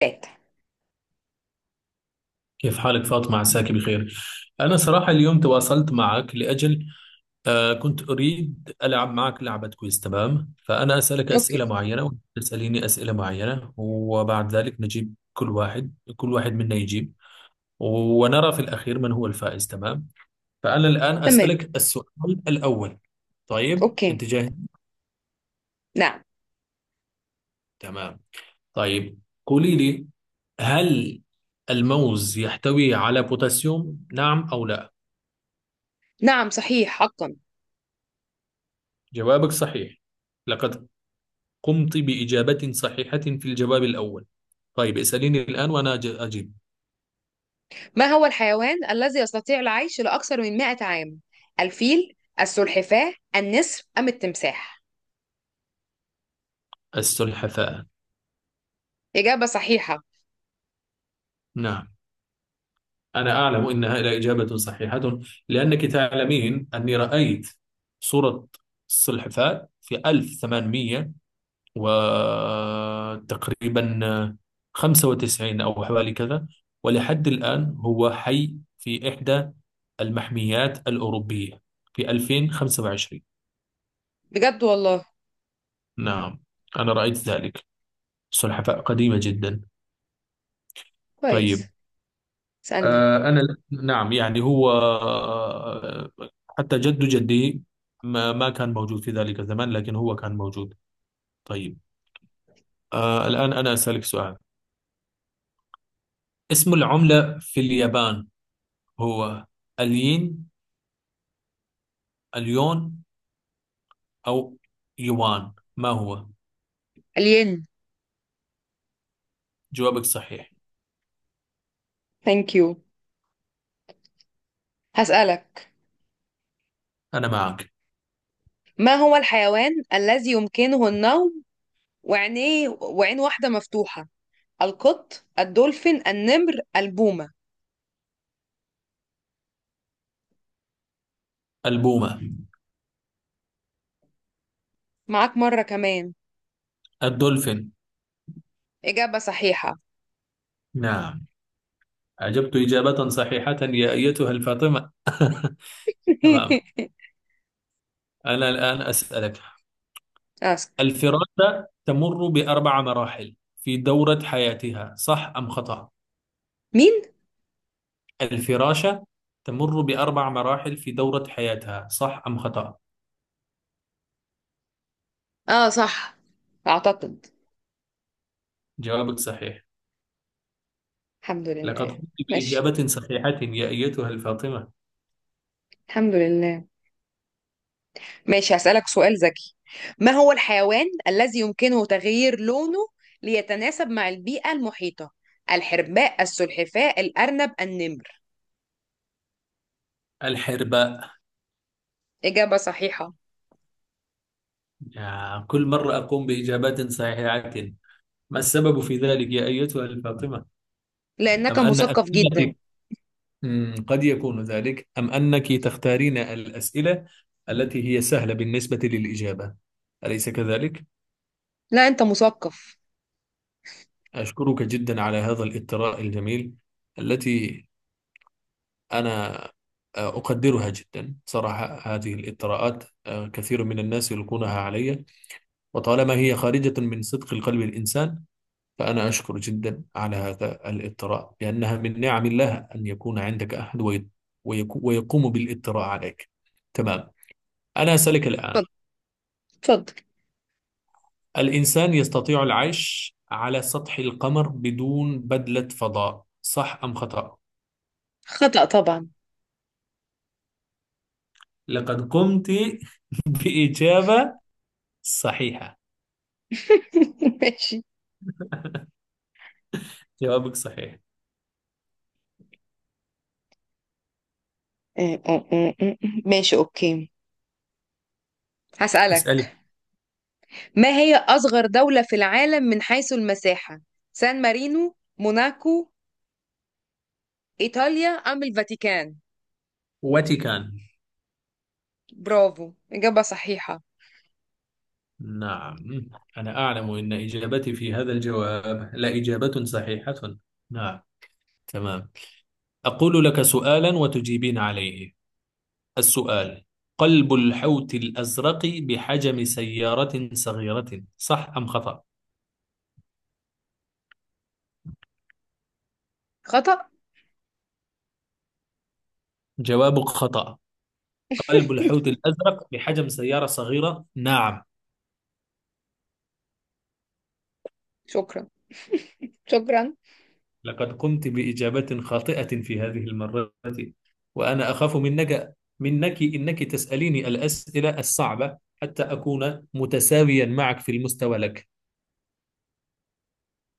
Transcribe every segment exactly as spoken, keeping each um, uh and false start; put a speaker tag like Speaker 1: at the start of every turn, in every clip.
Speaker 1: فات.
Speaker 2: كيف حالك فاطمة عساك بخير. أنا صراحة اليوم تواصلت معك لأجل آه كنت أريد ألعب معك لعبة. كويس، تمام. فأنا أسألك
Speaker 1: اوكي.
Speaker 2: أسئلة معينة وأنت تسأليني أسئلة معينة، وبعد ذلك نجيب كل واحد كل واحد منا يجيب ونرى في الأخير من هو الفائز. تمام. فأنا الآن
Speaker 1: تمام.
Speaker 2: أسألك السؤال الأول. طيب،
Speaker 1: اوكي.
Speaker 2: أنت جاهز؟
Speaker 1: نعم.
Speaker 2: تمام. طيب، قولي لي، هل الموز يحتوي على بوتاسيوم، نعم أو لا؟
Speaker 1: نعم صحيح حقا.
Speaker 2: جوابك صحيح، لقد قمت بإجابة صحيحة في الجواب الأول. طيب، اسأليني الآن وأنا أج- أجيب.
Speaker 1: ما هو الحيوان الذي يستطيع العيش لأكثر من مية عام؟ الفيل، السلحفاة، النسر أم التمساح؟
Speaker 2: السلحفاة.
Speaker 1: إجابة صحيحة.
Speaker 2: نعم، أنا أعلم إنها لا إجابة صحيحة، لأنك تعلمين أني رأيت صورة السلحفاة في ألف وثمانمية وتقريبا خمسة وتسعين أو حوالي كذا، ولحد الآن هو حي في إحدى المحميات الأوروبية في ألفين وخمسة وعشرين.
Speaker 1: بجد والله.
Speaker 2: نعم، أنا رأيت ذلك، سلحفاة قديمة جدا. طيب.
Speaker 1: كويس. اسألني.
Speaker 2: آه، آه، أنا، نعم، يعني هو، آه، حتى جد جدي ما ما كان موجود في ذلك الزمان، لكن هو كان موجود. طيب، آه، الآن أنا أسألك سؤال. اسم العملة في اليابان، هو الين، اليون، أو يوان، ما هو؟
Speaker 1: الين.
Speaker 2: جوابك صحيح.
Speaker 1: ثانك يو. هسألك،
Speaker 2: أنا معك.
Speaker 1: ما هو الحيوان الذي يمكنه النوم وعينيه وعين واحدة مفتوحة؟ القط، الدولفين، النمر، البومة؟
Speaker 2: البومة.
Speaker 1: معاك مرة كمان.
Speaker 2: الدولفين.
Speaker 1: إجابة صحيحة.
Speaker 2: نعم، أجبت إجابة صحيحة يا أيتها الفاطمة. تمام، أنا الآن أسألك،
Speaker 1: أسك.
Speaker 2: الفراشة تمر بأربع مراحل في دورة حياتها، صح أم خطأ؟
Speaker 1: مين؟
Speaker 2: الفراشة تمر بأربع مراحل في دورة حياتها، صح أم خطأ؟
Speaker 1: اه صح، اعتقد.
Speaker 2: جوابك صحيح،
Speaker 1: الحمد
Speaker 2: لقد
Speaker 1: لله.
Speaker 2: قمت
Speaker 1: ماشي.
Speaker 2: بإجابة صحيحة يا أيتها الفاطمة.
Speaker 1: الحمد لله. ماشي، هسألك سؤال ذكي. ما هو الحيوان الذي يمكنه تغيير لونه ليتناسب مع البيئة المحيطة؟ الحرباء، السلحفاء، الأرنب، النمر؟
Speaker 2: الحرباء.
Speaker 1: إجابة صحيحة.
Speaker 2: يا، كل مرة أقوم بإجابات صحيحة، ما السبب في ذلك يا أيتها الفاطمة؟
Speaker 1: لأنك
Speaker 2: أم أن
Speaker 1: مثقف جدا.
Speaker 2: أسئلتك، مم، قد يكون ذلك، أم أنك تختارين الأسئلة التي هي سهلة بالنسبة للإجابة، أليس كذلك؟
Speaker 1: لا، أنت مثقف.
Speaker 2: أشكرك جدا على هذا الإثراء الجميل، التي أنا آه، أقدرها جدا صراحة. هذه الإثراءات، آه، كثير من الناس يلقونها علي، وطالما هي خارجة من صدق القلب الإنسان، فأنا أشكر جدا على هذا الإثراء، لأنها من نعم الله أن يكون عندك أحد وي- ويكو- ويقوم بالإثراء عليك. تمام، أنا أسألك الآن،
Speaker 1: اتفضل، اتفضل.
Speaker 2: الإنسان يستطيع العيش على سطح القمر بدون بدلة فضاء، صح أم خطأ؟
Speaker 1: خطأ طبعا.
Speaker 2: لقد قمت بإجابة صحيحة.
Speaker 1: ماشي.
Speaker 2: جوابك صحيح.
Speaker 1: ماشي، أوكي،
Speaker 2: اسألي.
Speaker 1: هسألك. ما هي أصغر دولة في العالم من حيث المساحة؟ سان مارينو، موناكو، إيطاليا أم الفاتيكان؟
Speaker 2: واتيكان.
Speaker 1: برافو، إجابة صحيحة.
Speaker 2: نعم، أنا أعلم أن إجابتي في هذا الجواب لا إجابة صحيحة. نعم. تمام، أقول لك سؤالا وتجيبين عليه. السؤال، قلب الحوت الأزرق بحجم سيارة صغيرة، صح أم خطأ؟
Speaker 1: خطأ.
Speaker 2: جوابك خطأ، قلب الحوت الأزرق بحجم سيارة صغيرة؟ نعم.
Speaker 1: شكرا، شكرا.
Speaker 2: لقد قمت بإجابة خاطئة في هذه المرة، وأنا أخاف منك منك إنك تسأليني الأسئلة الصعبة حتى أكون متساويا معك في المستوى لك.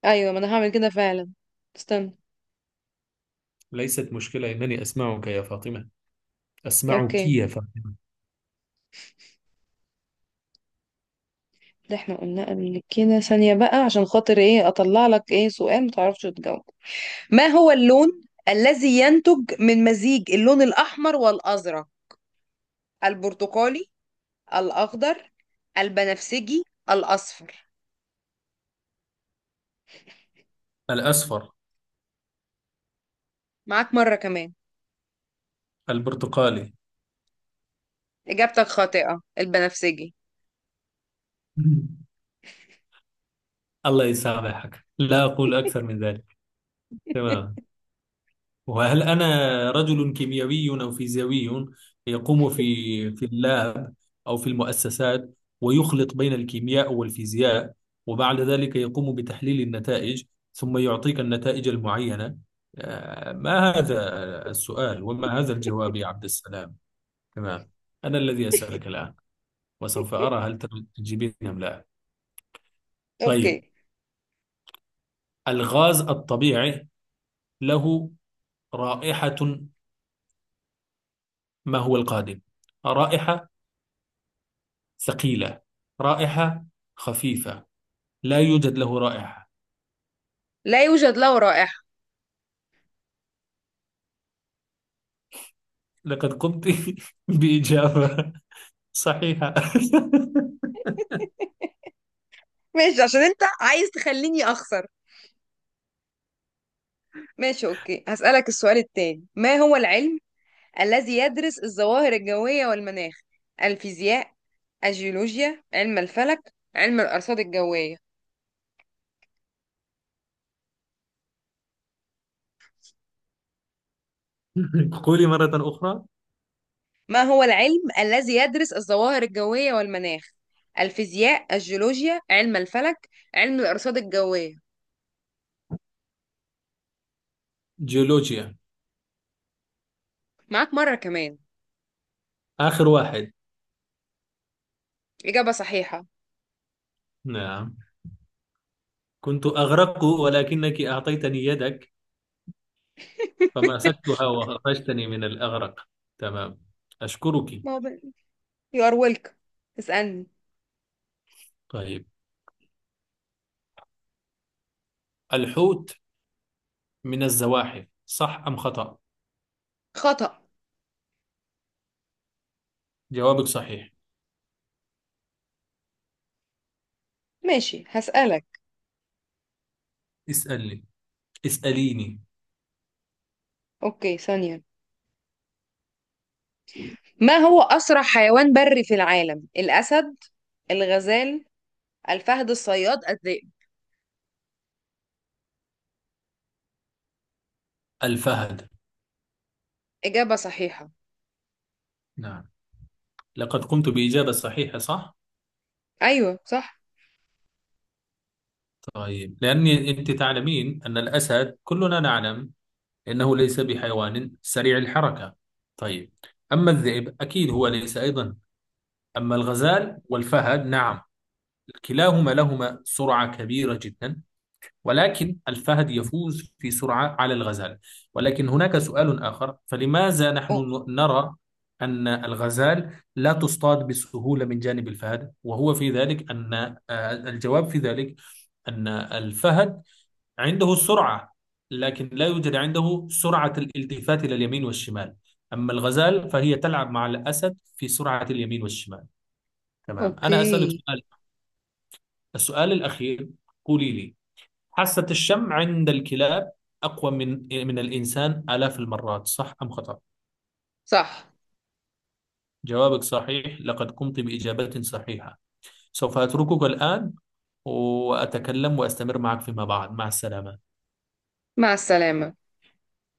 Speaker 1: أيوة، ما أنا هعمل كده فعلا. استنى.
Speaker 2: ليست مشكلة، إنني أسمعك يا فاطمة، أسمعك
Speaker 1: أوكي.
Speaker 2: يا فاطمة.
Speaker 1: ده احنا قلنا قبل كده ثانية بقى عشان خاطر ايه أطلع لك ايه سؤال متعرفش تجاوب. ما هو اللون الذي ينتج من مزيج اللون الأحمر والأزرق؟ البرتقالي، الأخضر، البنفسجي، الأصفر؟
Speaker 2: الأصفر.
Speaker 1: معاك مرة كمان.
Speaker 2: البرتقالي.
Speaker 1: إجابتك خاطئة، البنفسجي.
Speaker 2: الله يسامحك، لا أقول أكثر من ذلك. تمام. وهل أنا رجل كيميائي أو فيزيائي يقوم في، في اللاب أو في المؤسسات، ويخلط بين الكيمياء والفيزياء، وبعد ذلك يقوم بتحليل النتائج، ثم يعطيك النتائج المعينة؟ آه، ما هذا السؤال وما هذا الجواب يا عبد السلام؟ تمام، أنا الذي أسألك الآن، وسوف أرى هل تجيبين أم لا.
Speaker 1: اوكي.
Speaker 2: طيب، الغاز الطبيعي له رائحة، ما هو القادم؟ رائحة ثقيلة، رائحة خفيفة، لا يوجد له رائحة؟
Speaker 1: لا يوجد له رائحة.
Speaker 2: لقد قمت بإجابة صحيحة.
Speaker 1: ماشي، عشان انت عايز تخليني اخسر. ماشي، اوكي، هسألك السؤال التاني. ما هو العلم الذي يدرس الظواهر الجوية والمناخ؟ الفيزياء، الجيولوجيا، علم الفلك، علم الأرصاد الجوية؟
Speaker 2: قولي مرة أخرى.
Speaker 1: ما هو العلم الذي يدرس الظواهر الجوية والمناخ؟ الفيزياء، الجيولوجيا، علم الفلك، علم الأرصاد الجوية؟
Speaker 2: جيولوجيا.
Speaker 1: معاك مرة كمان.
Speaker 2: آخر واحد.
Speaker 1: إجابة صحيحة.
Speaker 2: نعم، كنت أغرق ولكنك أعطيتني يدك فمسكتها وخرجتني من الأغرق. تمام، أشكرك.
Speaker 1: ما هو بقى- you are welcome. اسألني.
Speaker 2: طيب، الحوت من الزواحف، صح أم خطأ؟
Speaker 1: خطأ.
Speaker 2: جوابك صحيح.
Speaker 1: ماشي، هسألك.
Speaker 2: اسألني، اسأليني.
Speaker 1: أوكي، ثانية. ما هو أسرع حيوان بري في العالم؟ الأسد، الغزال، الفهد الصياد، الذئب؟
Speaker 2: الفهد.
Speaker 1: إجابة صحيحة.
Speaker 2: نعم، لقد قمت بإجابة صحيحة، صح؟
Speaker 1: أيوة صح.
Speaker 2: طيب، لأني، أنت تعلمين أن الأسد كلنا نعلم أنه ليس بحيوان سريع الحركة. طيب. أما الذئب أكيد هو ليس أيضا، أما الغزال والفهد نعم، كلاهما لهما سرعة كبيرة جدا، ولكن الفهد يفوز في سرعة على الغزال. ولكن هناك سؤال آخر، فلماذا نحن
Speaker 1: أو-
Speaker 2: ن- نرى أن الغزال لا تصطاد بسهولة من جانب الفهد؟ وهو في ذلك أن آه، الجواب في ذلك أن الفهد عنده السرعة، لكن لا يوجد عنده سرعة الالتفات إلى اليمين والشمال، أما الغزال فهي تلعب مع الأسد في سرعة اليمين والشمال. تمام، أنا أسألك
Speaker 1: أوكي،
Speaker 2: سؤال، السؤال الأخير. قولي لي، حاسة الشم عند الكلاب أقوى من، من الإنسان آلاف المرات، صح أم خطأ؟
Speaker 1: صح.
Speaker 2: جوابك صحيح، لقد قمت بإجابة صحيحة. سوف أتركك الآن، وأتكلم وأستمر معك فيما بعد. مع السلامة.
Speaker 1: مع السلامة.